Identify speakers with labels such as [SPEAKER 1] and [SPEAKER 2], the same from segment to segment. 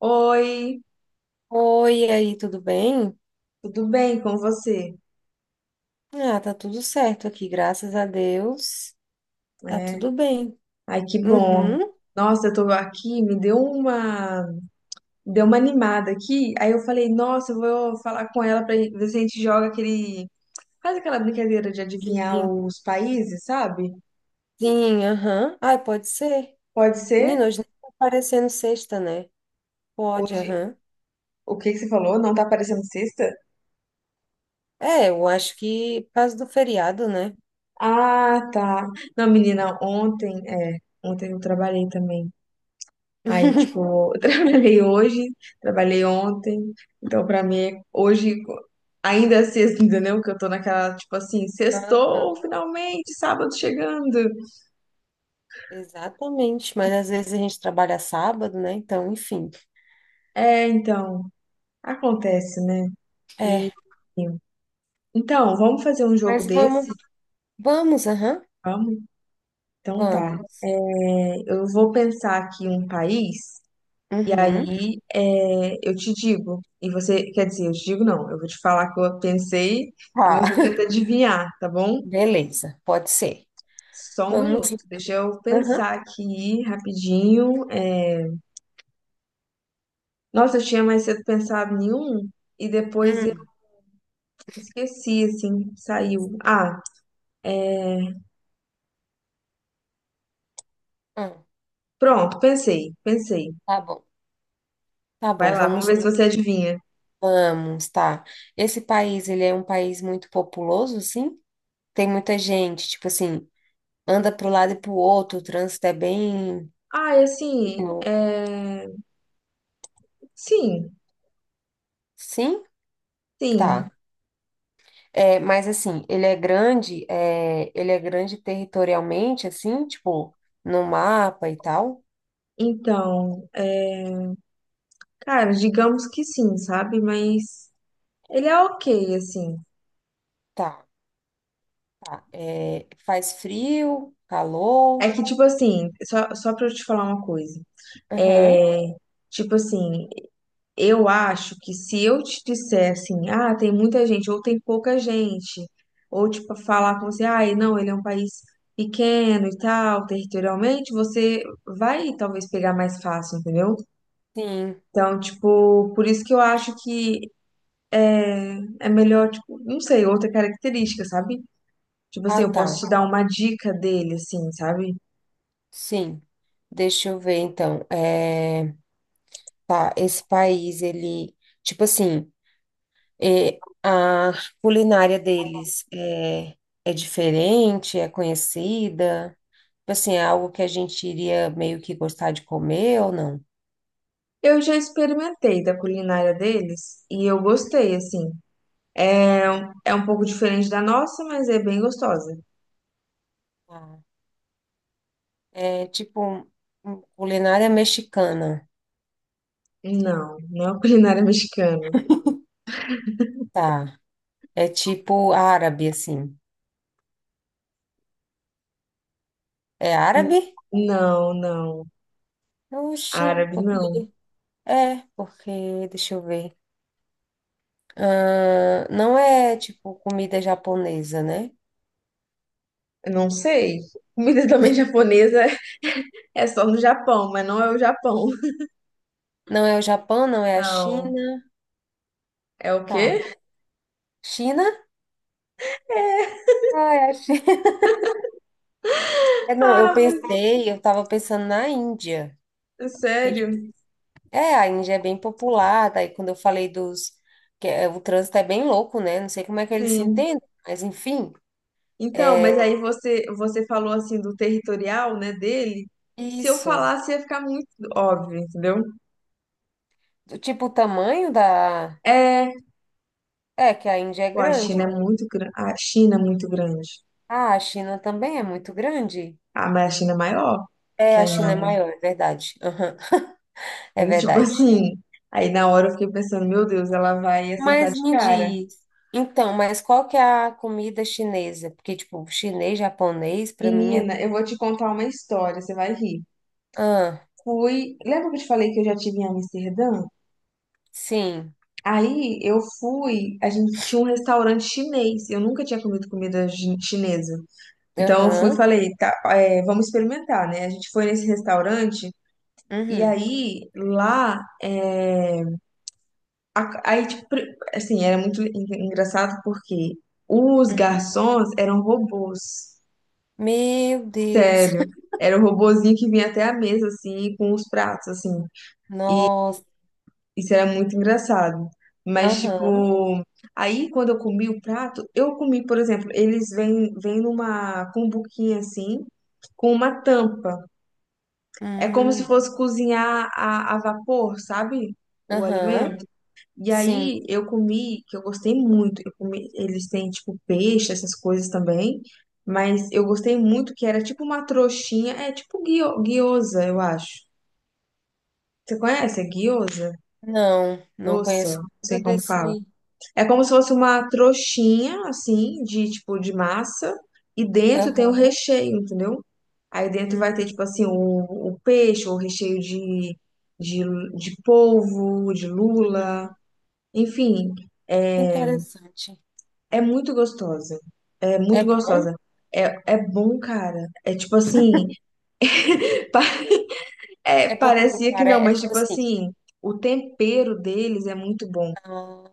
[SPEAKER 1] Oi,
[SPEAKER 2] Oi, e aí, tudo bem?
[SPEAKER 1] tudo bem com você?
[SPEAKER 2] Ah, tá tudo certo aqui, graças a Deus. Tá
[SPEAKER 1] É,
[SPEAKER 2] tudo bem.
[SPEAKER 1] Ai, que bom.
[SPEAKER 2] Uhum.
[SPEAKER 1] Nossa, eu tô aqui, me deu uma animada aqui. Aí eu falei, nossa, eu vou falar com ela pra ver se a gente joga faz aquela brincadeira de adivinhar
[SPEAKER 2] Sim,
[SPEAKER 1] os países, sabe?
[SPEAKER 2] sim, aham. Ai, pode ser.
[SPEAKER 1] Pode ser?
[SPEAKER 2] Menina, hoje nem tá aparecendo sexta, né? Pode,
[SPEAKER 1] Hoje,
[SPEAKER 2] aham.
[SPEAKER 1] o que que você falou? Não tá aparecendo sexta?
[SPEAKER 2] É, eu acho que por causa do feriado, né?
[SPEAKER 1] Ah, tá. Não, menina, ontem eu trabalhei também. Aí, tipo, eu trabalhei hoje, trabalhei ontem, então pra mim hoje ainda é sexta, entendeu? Que eu tô naquela, tipo assim,
[SPEAKER 2] Aham.
[SPEAKER 1] sextou, finalmente, sábado
[SPEAKER 2] Sim.
[SPEAKER 1] chegando.
[SPEAKER 2] Exatamente, mas às vezes a gente trabalha sábado, né? Então, enfim.
[SPEAKER 1] Então, acontece, né? E
[SPEAKER 2] É,
[SPEAKER 1] então, vamos fazer um jogo
[SPEAKER 2] mas
[SPEAKER 1] desse?
[SPEAKER 2] vamos, vamos, aham,
[SPEAKER 1] Vamos? Então tá.
[SPEAKER 2] vamos.
[SPEAKER 1] É, eu vou pensar aqui um país e
[SPEAKER 2] Uhum.
[SPEAKER 1] aí eu te digo. E você, quer dizer, eu te digo não, eu vou te falar que eu pensei e
[SPEAKER 2] Tá,
[SPEAKER 1] você tenta adivinhar, tá bom?
[SPEAKER 2] beleza, pode ser.
[SPEAKER 1] Só um
[SPEAKER 2] Vamos,
[SPEAKER 1] minuto, deixa eu
[SPEAKER 2] aham.
[SPEAKER 1] pensar aqui rapidinho. Nossa, eu tinha mais cedo pensado em um e depois eu
[SPEAKER 2] Hum,
[SPEAKER 1] esqueci, assim, saiu. Ah,
[SPEAKER 2] ah,
[SPEAKER 1] pronto, pensei, pensei.
[SPEAKER 2] tá bom, tá bom,
[SPEAKER 1] Vai lá, vamos
[SPEAKER 2] vamos,
[SPEAKER 1] ver se você adivinha.
[SPEAKER 2] vamos, tá. Esse país, ele é um país muito populoso, sim? Tem muita gente, tipo assim, anda pro lado e pro outro, o trânsito é bem
[SPEAKER 1] Ah, e assim,
[SPEAKER 2] louco.
[SPEAKER 1] sim,
[SPEAKER 2] Sim?
[SPEAKER 1] sim.
[SPEAKER 2] Tá. É, mas assim, ele é grande, ele é grande territorialmente, assim, tipo, no mapa e tal?
[SPEAKER 1] Então, cara, digamos que sim, sabe? Mas ele é ok, assim.
[SPEAKER 2] Tá, tá. É, faz frio, calor?
[SPEAKER 1] É que, tipo assim, só pra eu te falar uma coisa.
[SPEAKER 2] Aham,
[SPEAKER 1] É, tipo assim, eu acho que se eu te disser assim, ah, tem muita gente, ou tem pouca gente, ou tipo, falar com você, ah, não, ele é um país pequeno e tal, territorialmente, você vai talvez pegar mais fácil, entendeu?
[SPEAKER 2] sim.
[SPEAKER 1] Então, tipo, por isso que eu acho que é melhor, tipo, não sei, outra característica, sabe? Tipo assim,
[SPEAKER 2] Ah,
[SPEAKER 1] eu
[SPEAKER 2] tá,
[SPEAKER 1] posso te dar uma dica dele, assim, sabe?
[SPEAKER 2] sim. Deixa eu ver, então. Tá, esse país, ele, tipo assim, a culinária deles é diferente, é conhecida, tipo assim, é algo que a gente iria meio que gostar de comer ou não?
[SPEAKER 1] Eu já experimentei da culinária deles e eu gostei, assim. É, É um pouco diferente da nossa, mas é bem gostosa.
[SPEAKER 2] Tá. É tipo culinária mexicana,
[SPEAKER 1] Não, não é culinária mexicana.
[SPEAKER 2] tá, é tipo árabe, assim, é árabe?
[SPEAKER 1] Não, não.
[SPEAKER 2] Oxi,
[SPEAKER 1] Árabe,
[SPEAKER 2] porque,
[SPEAKER 1] não.
[SPEAKER 2] é, porque, deixa eu ver, ah, não é tipo comida japonesa, né?
[SPEAKER 1] Eu não sei. Comida também japonesa é só no Japão, mas não é o Japão.
[SPEAKER 2] Não é o Japão, não é a China.
[SPEAKER 1] Não. É o
[SPEAKER 2] Tá.
[SPEAKER 1] quê?
[SPEAKER 2] China? Ah, é a China. É, não, eu
[SPEAKER 1] Ah, mas
[SPEAKER 2] pensei, eu tava pensando na Índia.
[SPEAKER 1] é
[SPEAKER 2] Que, tipo,
[SPEAKER 1] sério?
[SPEAKER 2] a Índia é bem popular, daí quando eu falei dos... que é, o trânsito é bem louco, né? Não sei como é que eles se
[SPEAKER 1] Sim.
[SPEAKER 2] entendem, mas enfim,
[SPEAKER 1] Então, mas
[SPEAKER 2] é
[SPEAKER 1] aí você falou assim do territorial, né, dele. Se eu
[SPEAKER 2] isso.
[SPEAKER 1] falasse ia ficar muito óbvio, entendeu?
[SPEAKER 2] Do tipo, o tamanho da...
[SPEAKER 1] É,
[SPEAKER 2] É, que a Índia é
[SPEAKER 1] Pô, a
[SPEAKER 2] grande,
[SPEAKER 1] China é
[SPEAKER 2] né?
[SPEAKER 1] muito grande. A China é muito grande.
[SPEAKER 2] Ah, a China também é muito grande.
[SPEAKER 1] Ah, mas a China é maior
[SPEAKER 2] É,
[SPEAKER 1] que a
[SPEAKER 2] a China é
[SPEAKER 1] Índia.
[SPEAKER 2] maior, é verdade. Aham, é
[SPEAKER 1] Aí, tipo
[SPEAKER 2] verdade.
[SPEAKER 1] assim, aí na hora eu fiquei pensando, meu Deus, ela vai acertar
[SPEAKER 2] Mas
[SPEAKER 1] de
[SPEAKER 2] me
[SPEAKER 1] cara.
[SPEAKER 2] diz, então, mas qual que é a comida chinesa? Porque, tipo, chinês, japonês, pra mim é.
[SPEAKER 1] Menina, eu vou te contar uma história, você vai rir.
[SPEAKER 2] Ah,
[SPEAKER 1] Fui, lembra que eu te falei que eu já tive em Amsterdã?
[SPEAKER 2] sim,
[SPEAKER 1] Aí eu fui, a gente tinha um restaurante chinês, eu nunca tinha comido comida chinesa. Então eu fui e
[SPEAKER 2] aham,
[SPEAKER 1] falei, tá, vamos experimentar, né? A gente foi nesse restaurante e
[SPEAKER 2] uhum,
[SPEAKER 1] aí lá, aí tipo, assim, era muito engraçado porque os
[SPEAKER 2] uhum.
[SPEAKER 1] garçons eram robôs.
[SPEAKER 2] Meu Deus,
[SPEAKER 1] Sério. Era o robozinho que vinha até a mesa, assim, com os pratos, assim.
[SPEAKER 2] nossa,
[SPEAKER 1] Isso era muito engraçado. Mas,
[SPEAKER 2] aham,
[SPEAKER 1] tipo, aí quando eu comi o prato, eu comi, por exemplo, eles vêm numa cumbuquinha, assim, com uma tampa. É como se
[SPEAKER 2] hum,
[SPEAKER 1] fosse cozinhar a vapor, sabe? O
[SPEAKER 2] aham,
[SPEAKER 1] alimento. E
[SPEAKER 2] sim.
[SPEAKER 1] aí eu comi, que eu gostei muito. Eu comi, eles têm, tipo, peixe, essas coisas também. Mas eu gostei muito que era tipo uma trouxinha, é tipo guiosa, eu acho. Você conhece a gyoza?
[SPEAKER 2] Não, não
[SPEAKER 1] Doça,
[SPEAKER 2] conheço
[SPEAKER 1] não
[SPEAKER 2] nada
[SPEAKER 1] sei como fala.
[SPEAKER 2] desse.
[SPEAKER 1] É como se fosse uma trouxinha, assim, de tipo de massa, e dentro tem o
[SPEAKER 2] Aham,
[SPEAKER 1] recheio, entendeu? Aí dentro
[SPEAKER 2] hum,
[SPEAKER 1] vai ter, tipo assim, o peixe, o recheio de, de polvo, de
[SPEAKER 2] uhum.
[SPEAKER 1] lula. Enfim,
[SPEAKER 2] Interessante.
[SPEAKER 1] é muito gostosa. É
[SPEAKER 2] É
[SPEAKER 1] muito
[SPEAKER 2] bom?
[SPEAKER 1] gostosa. É bom, cara. É tipo assim, pa-
[SPEAKER 2] É porque,
[SPEAKER 1] parecia que
[SPEAKER 2] cara,
[SPEAKER 1] não,
[SPEAKER 2] é
[SPEAKER 1] mas
[SPEAKER 2] tipo
[SPEAKER 1] tipo
[SPEAKER 2] assim.
[SPEAKER 1] assim, o tempero deles é muito bom,
[SPEAKER 2] Ah,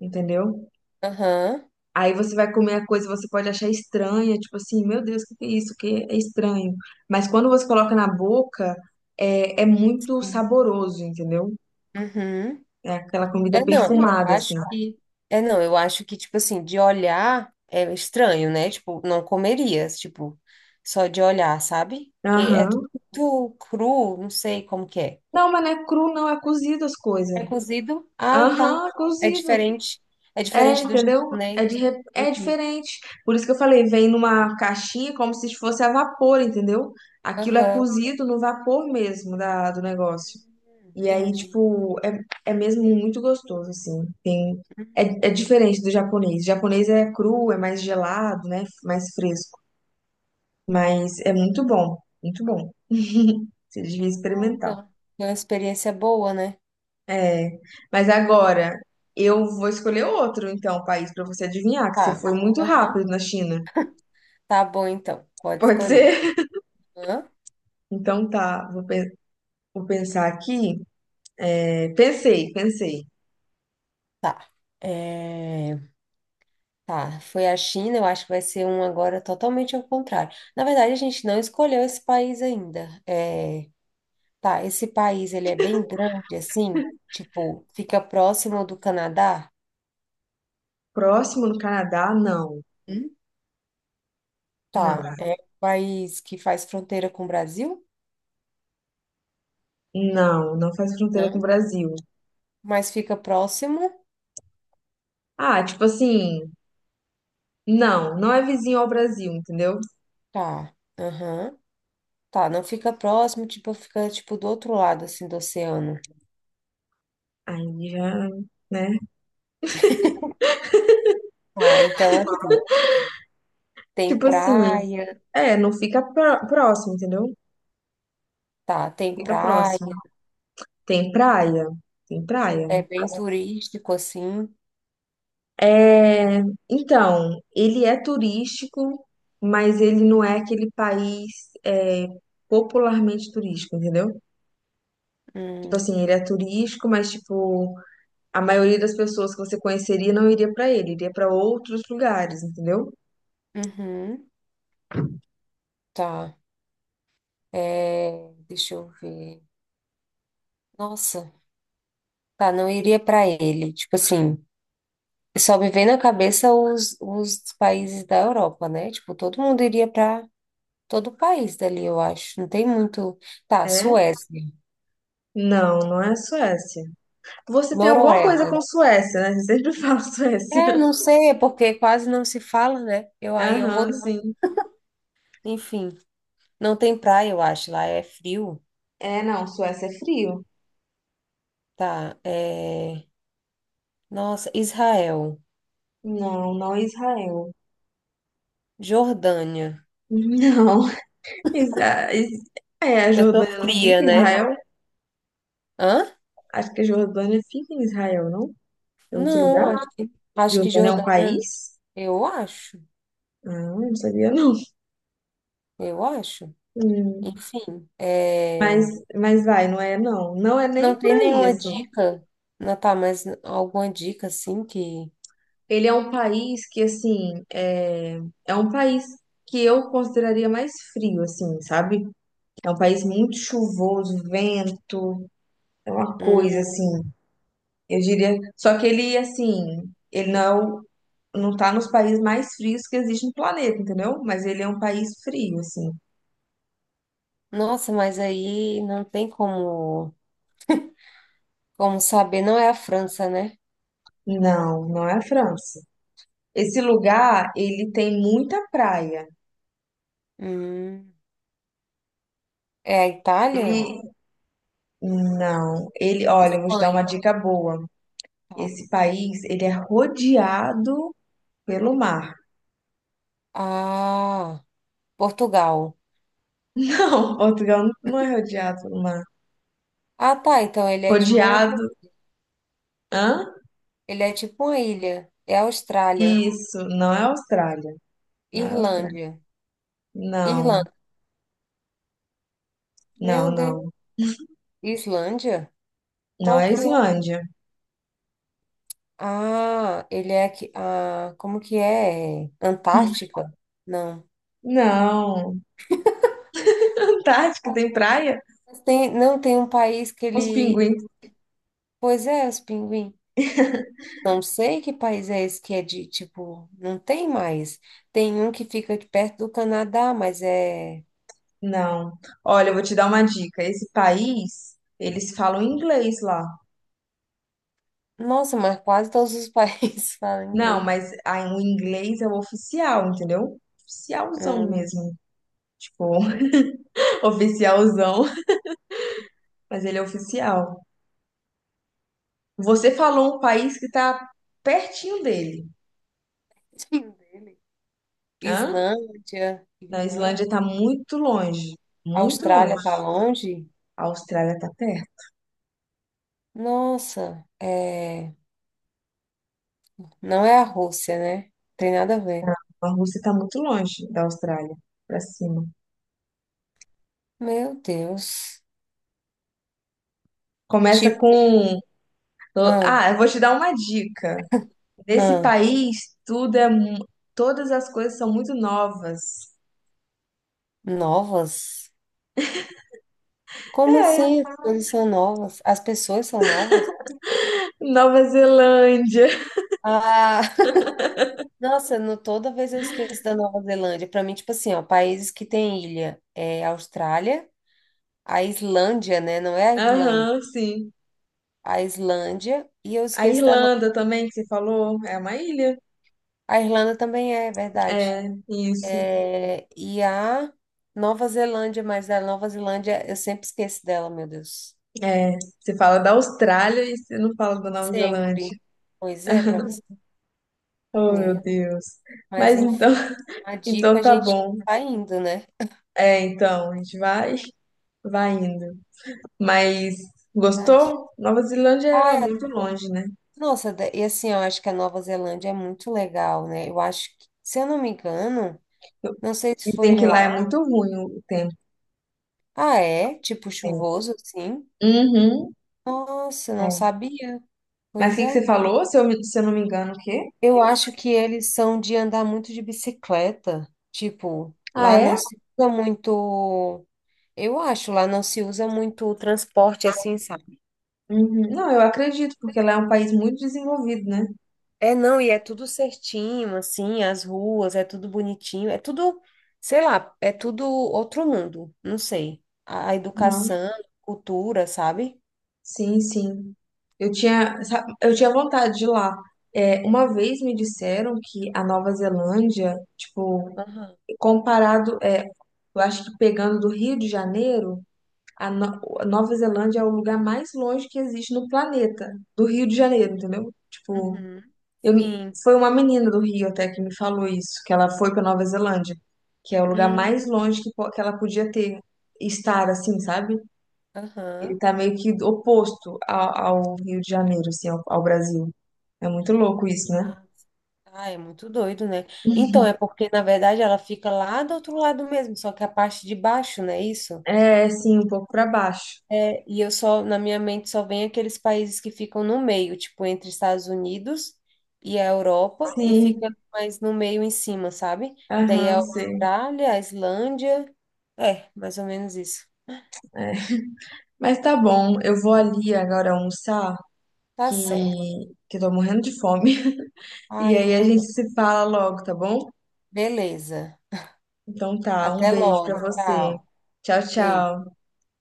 [SPEAKER 1] entendeu?
[SPEAKER 2] aham,
[SPEAKER 1] Aí você vai comer a coisa, você pode achar estranha, tipo assim, meu Deus, o que que é isso? Que é estranho. Mas quando você coloca na boca, é muito
[SPEAKER 2] sim,
[SPEAKER 1] saboroso, entendeu?
[SPEAKER 2] uhum.
[SPEAKER 1] É aquela comida
[SPEAKER 2] É, não, eu
[SPEAKER 1] perfumada, assim.
[SPEAKER 2] acho que. É, não, eu acho que, tipo assim, de olhar é estranho, né? Tipo, não comeria, tipo, só de olhar, sabe? Porque é
[SPEAKER 1] Aham.
[SPEAKER 2] tudo cru, não sei como que é.
[SPEAKER 1] Não, mas não é cru, não, é cozido as coisas.
[SPEAKER 2] É cozido? Ah, tá.
[SPEAKER 1] Aham,
[SPEAKER 2] É
[SPEAKER 1] cozido.
[SPEAKER 2] diferente. É
[SPEAKER 1] É,
[SPEAKER 2] diferente do
[SPEAKER 1] entendeu?
[SPEAKER 2] japonês.
[SPEAKER 1] É
[SPEAKER 2] Uhum.
[SPEAKER 1] diferente. Por isso que eu falei, vem numa caixinha como se fosse a vapor, entendeu? Aquilo é
[SPEAKER 2] Aham.
[SPEAKER 1] cozido no vapor mesmo do negócio. E aí,
[SPEAKER 2] Entendi.
[SPEAKER 1] tipo, é mesmo muito gostoso, assim.
[SPEAKER 2] Hum,
[SPEAKER 1] É diferente do japonês. O japonês é cru, é mais gelado, né? Mais fresco. Mas é muito bom, muito bom. Você devia
[SPEAKER 2] Legal,
[SPEAKER 1] experimentar.
[SPEAKER 2] então. Foi uma experiência boa, né?
[SPEAKER 1] É, mas agora eu vou escolher outro, então, país para você adivinhar, que você
[SPEAKER 2] Tá.
[SPEAKER 1] foi muito
[SPEAKER 2] Aham.
[SPEAKER 1] rápido na China.
[SPEAKER 2] Tá bom, então. Pode
[SPEAKER 1] Pode
[SPEAKER 2] escolher.
[SPEAKER 1] ser?
[SPEAKER 2] Aham.
[SPEAKER 1] Então tá, vou pensar aqui. Pensei, pensei.
[SPEAKER 2] Tá. É... Tá, foi a China, eu acho que vai ser um agora totalmente ao contrário. Na verdade, a gente não escolheu esse país ainda. Tá, esse país, ele é bem grande, assim, tipo, fica próximo do Canadá?
[SPEAKER 1] Próximo no Canadá? Não,
[SPEAKER 2] Hum?
[SPEAKER 1] não,
[SPEAKER 2] Tá, é um país que faz fronteira com o Brasil?
[SPEAKER 1] não, não faz fronteira com o
[SPEAKER 2] Não.
[SPEAKER 1] Brasil.
[SPEAKER 2] Mas fica próximo?
[SPEAKER 1] Ah, tipo assim, não, não é vizinho ao Brasil, entendeu?
[SPEAKER 2] Tá, aham. Tá, não fica próximo, tipo, fica, tipo, do outro lado, assim, do oceano.
[SPEAKER 1] Aí já, né?
[SPEAKER 2] Ah, então, assim, tem
[SPEAKER 1] Tipo assim,
[SPEAKER 2] praia,
[SPEAKER 1] não fica próximo, entendeu?
[SPEAKER 2] tá, tem
[SPEAKER 1] Fica
[SPEAKER 2] praia,
[SPEAKER 1] próximo. Tem praia? Tem praia?
[SPEAKER 2] é bem turístico, assim.
[SPEAKER 1] É, então, ele é turístico, mas ele não é aquele país popularmente turístico, entendeu? Tipo assim,
[SPEAKER 2] Hum,
[SPEAKER 1] ele é turístico, mas tipo, a maioria das pessoas que você conheceria não iria pra ele, iria pra outros lugares, entendeu?
[SPEAKER 2] uhum, tá. É, deixa eu ver. Nossa, tá, não iria pra ele. Tipo assim, só me vem na cabeça os países da Europa, né? Tipo, todo mundo iria pra todo país dali, eu acho. Não tem muito. Tá,
[SPEAKER 1] É?
[SPEAKER 2] Suécia,
[SPEAKER 1] Não, não é Suécia. Você tem alguma coisa
[SPEAKER 2] Noruega.
[SPEAKER 1] com Suécia, né? Você sempre fala Suécia.
[SPEAKER 2] É, não sei, é porque quase não se fala, né? Eu aí eu vou.
[SPEAKER 1] Aham, sim.
[SPEAKER 2] Enfim, não tem praia, eu acho. Lá é frio.
[SPEAKER 1] É, não, Suécia é frio.
[SPEAKER 2] Tá, é. Nossa, Israel,
[SPEAKER 1] Não, não é Israel.
[SPEAKER 2] Jordânia.
[SPEAKER 1] Não. Isa- Is- a
[SPEAKER 2] Eu tô
[SPEAKER 1] Jordânia não fica
[SPEAKER 2] fria,
[SPEAKER 1] em
[SPEAKER 2] né?
[SPEAKER 1] Israel?
[SPEAKER 2] Hã?
[SPEAKER 1] Acho que a Jordânia fica em Israel, não? É outro
[SPEAKER 2] Não,
[SPEAKER 1] lugar?
[SPEAKER 2] acho que
[SPEAKER 1] Jordânia é um
[SPEAKER 2] Jordânia.
[SPEAKER 1] país?
[SPEAKER 2] Eu acho,
[SPEAKER 1] Ah, não sabia não.
[SPEAKER 2] eu acho.
[SPEAKER 1] Hum,
[SPEAKER 2] Enfim,
[SPEAKER 1] Mas, mas vai, não é não. Não é nem
[SPEAKER 2] não
[SPEAKER 1] por
[SPEAKER 2] tem
[SPEAKER 1] aí,
[SPEAKER 2] nenhuma
[SPEAKER 1] assim.
[SPEAKER 2] dica, não tá, mas alguma dica assim que.
[SPEAKER 1] Ele é um país que, assim, é um país que eu consideraria mais frio, assim, sabe? É um país muito chuvoso, vento, é uma coisa,
[SPEAKER 2] hum,
[SPEAKER 1] assim. Eu diria. Só que ele, assim, ele não é o não tá nos países mais frios que existe no planeta, entendeu? Mas ele é um país frio, assim.
[SPEAKER 2] Nossa, mas aí não tem como saber. Não é a França, né?
[SPEAKER 1] Não, não é a França. Esse lugar, ele tem muita praia.
[SPEAKER 2] Hum, é a Itália?
[SPEAKER 1] Ele, não, ele, olha, eu vou te dar uma
[SPEAKER 2] Espanha.
[SPEAKER 1] dica boa.
[SPEAKER 2] Tá.
[SPEAKER 1] Esse país, ele é rodeado pelo mar.
[SPEAKER 2] Ah, Portugal.
[SPEAKER 1] Não, Portugal não é rodeado pelo mar.
[SPEAKER 2] Ah, tá. Então
[SPEAKER 1] Rodeado, hã?
[SPEAKER 2] ele é tipo uma ilha. É a Austrália.
[SPEAKER 1] Isso, não é Austrália. Não é Austrália.
[SPEAKER 2] Irlândia.
[SPEAKER 1] Não,
[SPEAKER 2] Irlanda.
[SPEAKER 1] não,
[SPEAKER 2] Meu Deus.
[SPEAKER 1] não.
[SPEAKER 2] Islândia?
[SPEAKER 1] Não
[SPEAKER 2] Qual
[SPEAKER 1] é
[SPEAKER 2] que é?
[SPEAKER 1] Islândia.
[SPEAKER 2] Ah, ele é aqui. Ah, como que é? Antártica? Não.
[SPEAKER 1] Não. Antártica tem praia?
[SPEAKER 2] Mas tem, não tem um país que
[SPEAKER 1] Os
[SPEAKER 2] ele.
[SPEAKER 1] pinguins.
[SPEAKER 2] Pois é, os pinguins. Não sei que país é esse que é de, tipo, não tem mais. Tem um que fica aqui perto do Canadá, mas é.
[SPEAKER 1] Não. Olha, eu vou te dar uma dica. Esse país, eles falam inglês lá.
[SPEAKER 2] Nossa, mas quase todos os países falam
[SPEAKER 1] Não,
[SPEAKER 2] inglês.
[SPEAKER 1] mas aí o inglês é o oficial, entendeu? Oficialzão
[SPEAKER 2] Hum.
[SPEAKER 1] mesmo. Tipo, oficialzão, mas ele é oficial. Você falou um país que tá pertinho dele.
[SPEAKER 2] Tadinho dele.
[SPEAKER 1] Hã?
[SPEAKER 2] Islândia,
[SPEAKER 1] Na
[SPEAKER 2] Irlanda,
[SPEAKER 1] Islândia tá muito longe. Muito longe.
[SPEAKER 2] Austrália tá longe?
[SPEAKER 1] A Austrália tá perto.
[SPEAKER 2] Nossa, é. Não é a Rússia, né? Tem nada a ver.
[SPEAKER 1] A Rússia tá muito longe da Austrália. Pra cima.
[SPEAKER 2] Meu Deus.
[SPEAKER 1] Começa
[SPEAKER 2] Tipo,
[SPEAKER 1] com
[SPEAKER 2] ah,
[SPEAKER 1] Ah, eu vou te dar uma dica. Nesse
[SPEAKER 2] ah,
[SPEAKER 1] país, todas as coisas são muito novas.
[SPEAKER 2] novas? Como
[SPEAKER 1] É,
[SPEAKER 2] assim? As coisas são novas? As pessoas são novas?
[SPEAKER 1] Nova Zelândia.
[SPEAKER 2] Ah, nossa, no, toda vez eu esqueço da Nova Zelândia. Pra mim, tipo assim, ó, países que tem ilha é Austrália, a Islândia, né? Não é a Irlanda.
[SPEAKER 1] Aham, sim.
[SPEAKER 2] A Islândia, e eu
[SPEAKER 1] A
[SPEAKER 2] esqueço da Nova.
[SPEAKER 1] Irlanda também, que você falou, é uma ilha.
[SPEAKER 2] A Irlanda também é verdade.
[SPEAKER 1] É, isso.
[SPEAKER 2] É, e a Nova Zelândia, mas a Nova Zelândia eu sempre esqueço dela, meu Deus.
[SPEAKER 1] Você fala da Austrália e você não fala da Nova
[SPEAKER 2] Sempre.
[SPEAKER 1] Zelândia.
[SPEAKER 2] Pois é, para você
[SPEAKER 1] Oh, meu
[SPEAKER 2] ver.
[SPEAKER 1] Deus.
[SPEAKER 2] Mas
[SPEAKER 1] Mas então,
[SPEAKER 2] enfim, a dica
[SPEAKER 1] então
[SPEAKER 2] a
[SPEAKER 1] tá
[SPEAKER 2] gente
[SPEAKER 1] bom.
[SPEAKER 2] tá indo, né?
[SPEAKER 1] Então, a gente vai indo. Mas
[SPEAKER 2] Verdade.
[SPEAKER 1] gostou? Nova Zelândia
[SPEAKER 2] Ai,
[SPEAKER 1] era muito longe, né?
[SPEAKER 2] nossa, e assim, eu acho que a Nova Zelândia é muito legal, né? Eu acho que, se eu não me engano, não sei se foi
[SPEAKER 1] Dizem que lá é
[SPEAKER 2] lá.
[SPEAKER 1] muito ruim o tempo.
[SPEAKER 2] Ah, é? Tipo
[SPEAKER 1] É.
[SPEAKER 2] chuvoso, assim.
[SPEAKER 1] Uhum.
[SPEAKER 2] Nossa, não
[SPEAKER 1] É.
[SPEAKER 2] sabia.
[SPEAKER 1] Mas o
[SPEAKER 2] Pois
[SPEAKER 1] que que você
[SPEAKER 2] é.
[SPEAKER 1] falou? Se eu não me engano, o quê?
[SPEAKER 2] Eu acho que eles são de andar muito de bicicleta. Tipo,
[SPEAKER 1] Ah,
[SPEAKER 2] lá não
[SPEAKER 1] é?
[SPEAKER 2] se usa muito. Eu acho, lá não se usa muito o transporte assim, sabe?
[SPEAKER 1] Uhum. Não, eu acredito, porque lá é um país muito desenvolvido, né?
[SPEAKER 2] É, não, e é tudo certinho, assim, as ruas, é tudo bonitinho, é tudo, sei lá, é tudo outro mundo, não sei. A
[SPEAKER 1] Não.
[SPEAKER 2] educação, cultura, sabe?
[SPEAKER 1] Sim, sim. Eu tinha vontade de ir lá. Uma vez me disseram que a Nova Zelândia, tipo,
[SPEAKER 2] Aham.
[SPEAKER 1] comparado, eu acho que pegando do Rio de Janeiro, a, No- a Nova Zelândia é o lugar mais longe que existe no planeta, do Rio de Janeiro, entendeu? Tipo,
[SPEAKER 2] Uhum.
[SPEAKER 1] Eu,
[SPEAKER 2] Sim.
[SPEAKER 1] foi uma menina do Rio até que me falou isso, que ela foi para Nova Zelândia, que é o lugar mais
[SPEAKER 2] Hum.
[SPEAKER 1] longe que ela podia estar assim, sabe? Ele
[SPEAKER 2] Aham.
[SPEAKER 1] tá meio que oposto ao Rio de Janeiro, assim, ao Brasil. É muito louco isso, né?
[SPEAKER 2] Ah, é muito doido, né? Então, é porque, na verdade, ela fica lá do outro lado mesmo, só que a parte de baixo, não é isso?
[SPEAKER 1] É, sim, um pouco para baixo.
[SPEAKER 2] É, e eu só, na minha mente, só vem aqueles países que ficam no meio, tipo, entre Estados Unidos e a Europa, e
[SPEAKER 1] Sim,
[SPEAKER 2] fica mais no meio em cima, sabe? Que daí é a
[SPEAKER 1] aham, sei.
[SPEAKER 2] Austrália, a Islândia. É, mais ou menos isso.
[SPEAKER 1] Mas tá bom, eu vou ali agora almoçar,
[SPEAKER 2] Tá
[SPEAKER 1] que,
[SPEAKER 2] certo.
[SPEAKER 1] eu tô morrendo de fome.
[SPEAKER 2] Ah,
[SPEAKER 1] E
[SPEAKER 2] eu
[SPEAKER 1] aí a gente
[SPEAKER 2] também.
[SPEAKER 1] se fala logo, tá bom?
[SPEAKER 2] Beleza.
[SPEAKER 1] Então tá, um
[SPEAKER 2] Até
[SPEAKER 1] beijo pra
[SPEAKER 2] logo.
[SPEAKER 1] você.
[SPEAKER 2] Tchau.
[SPEAKER 1] Tchau,
[SPEAKER 2] Beijo.
[SPEAKER 1] tchau.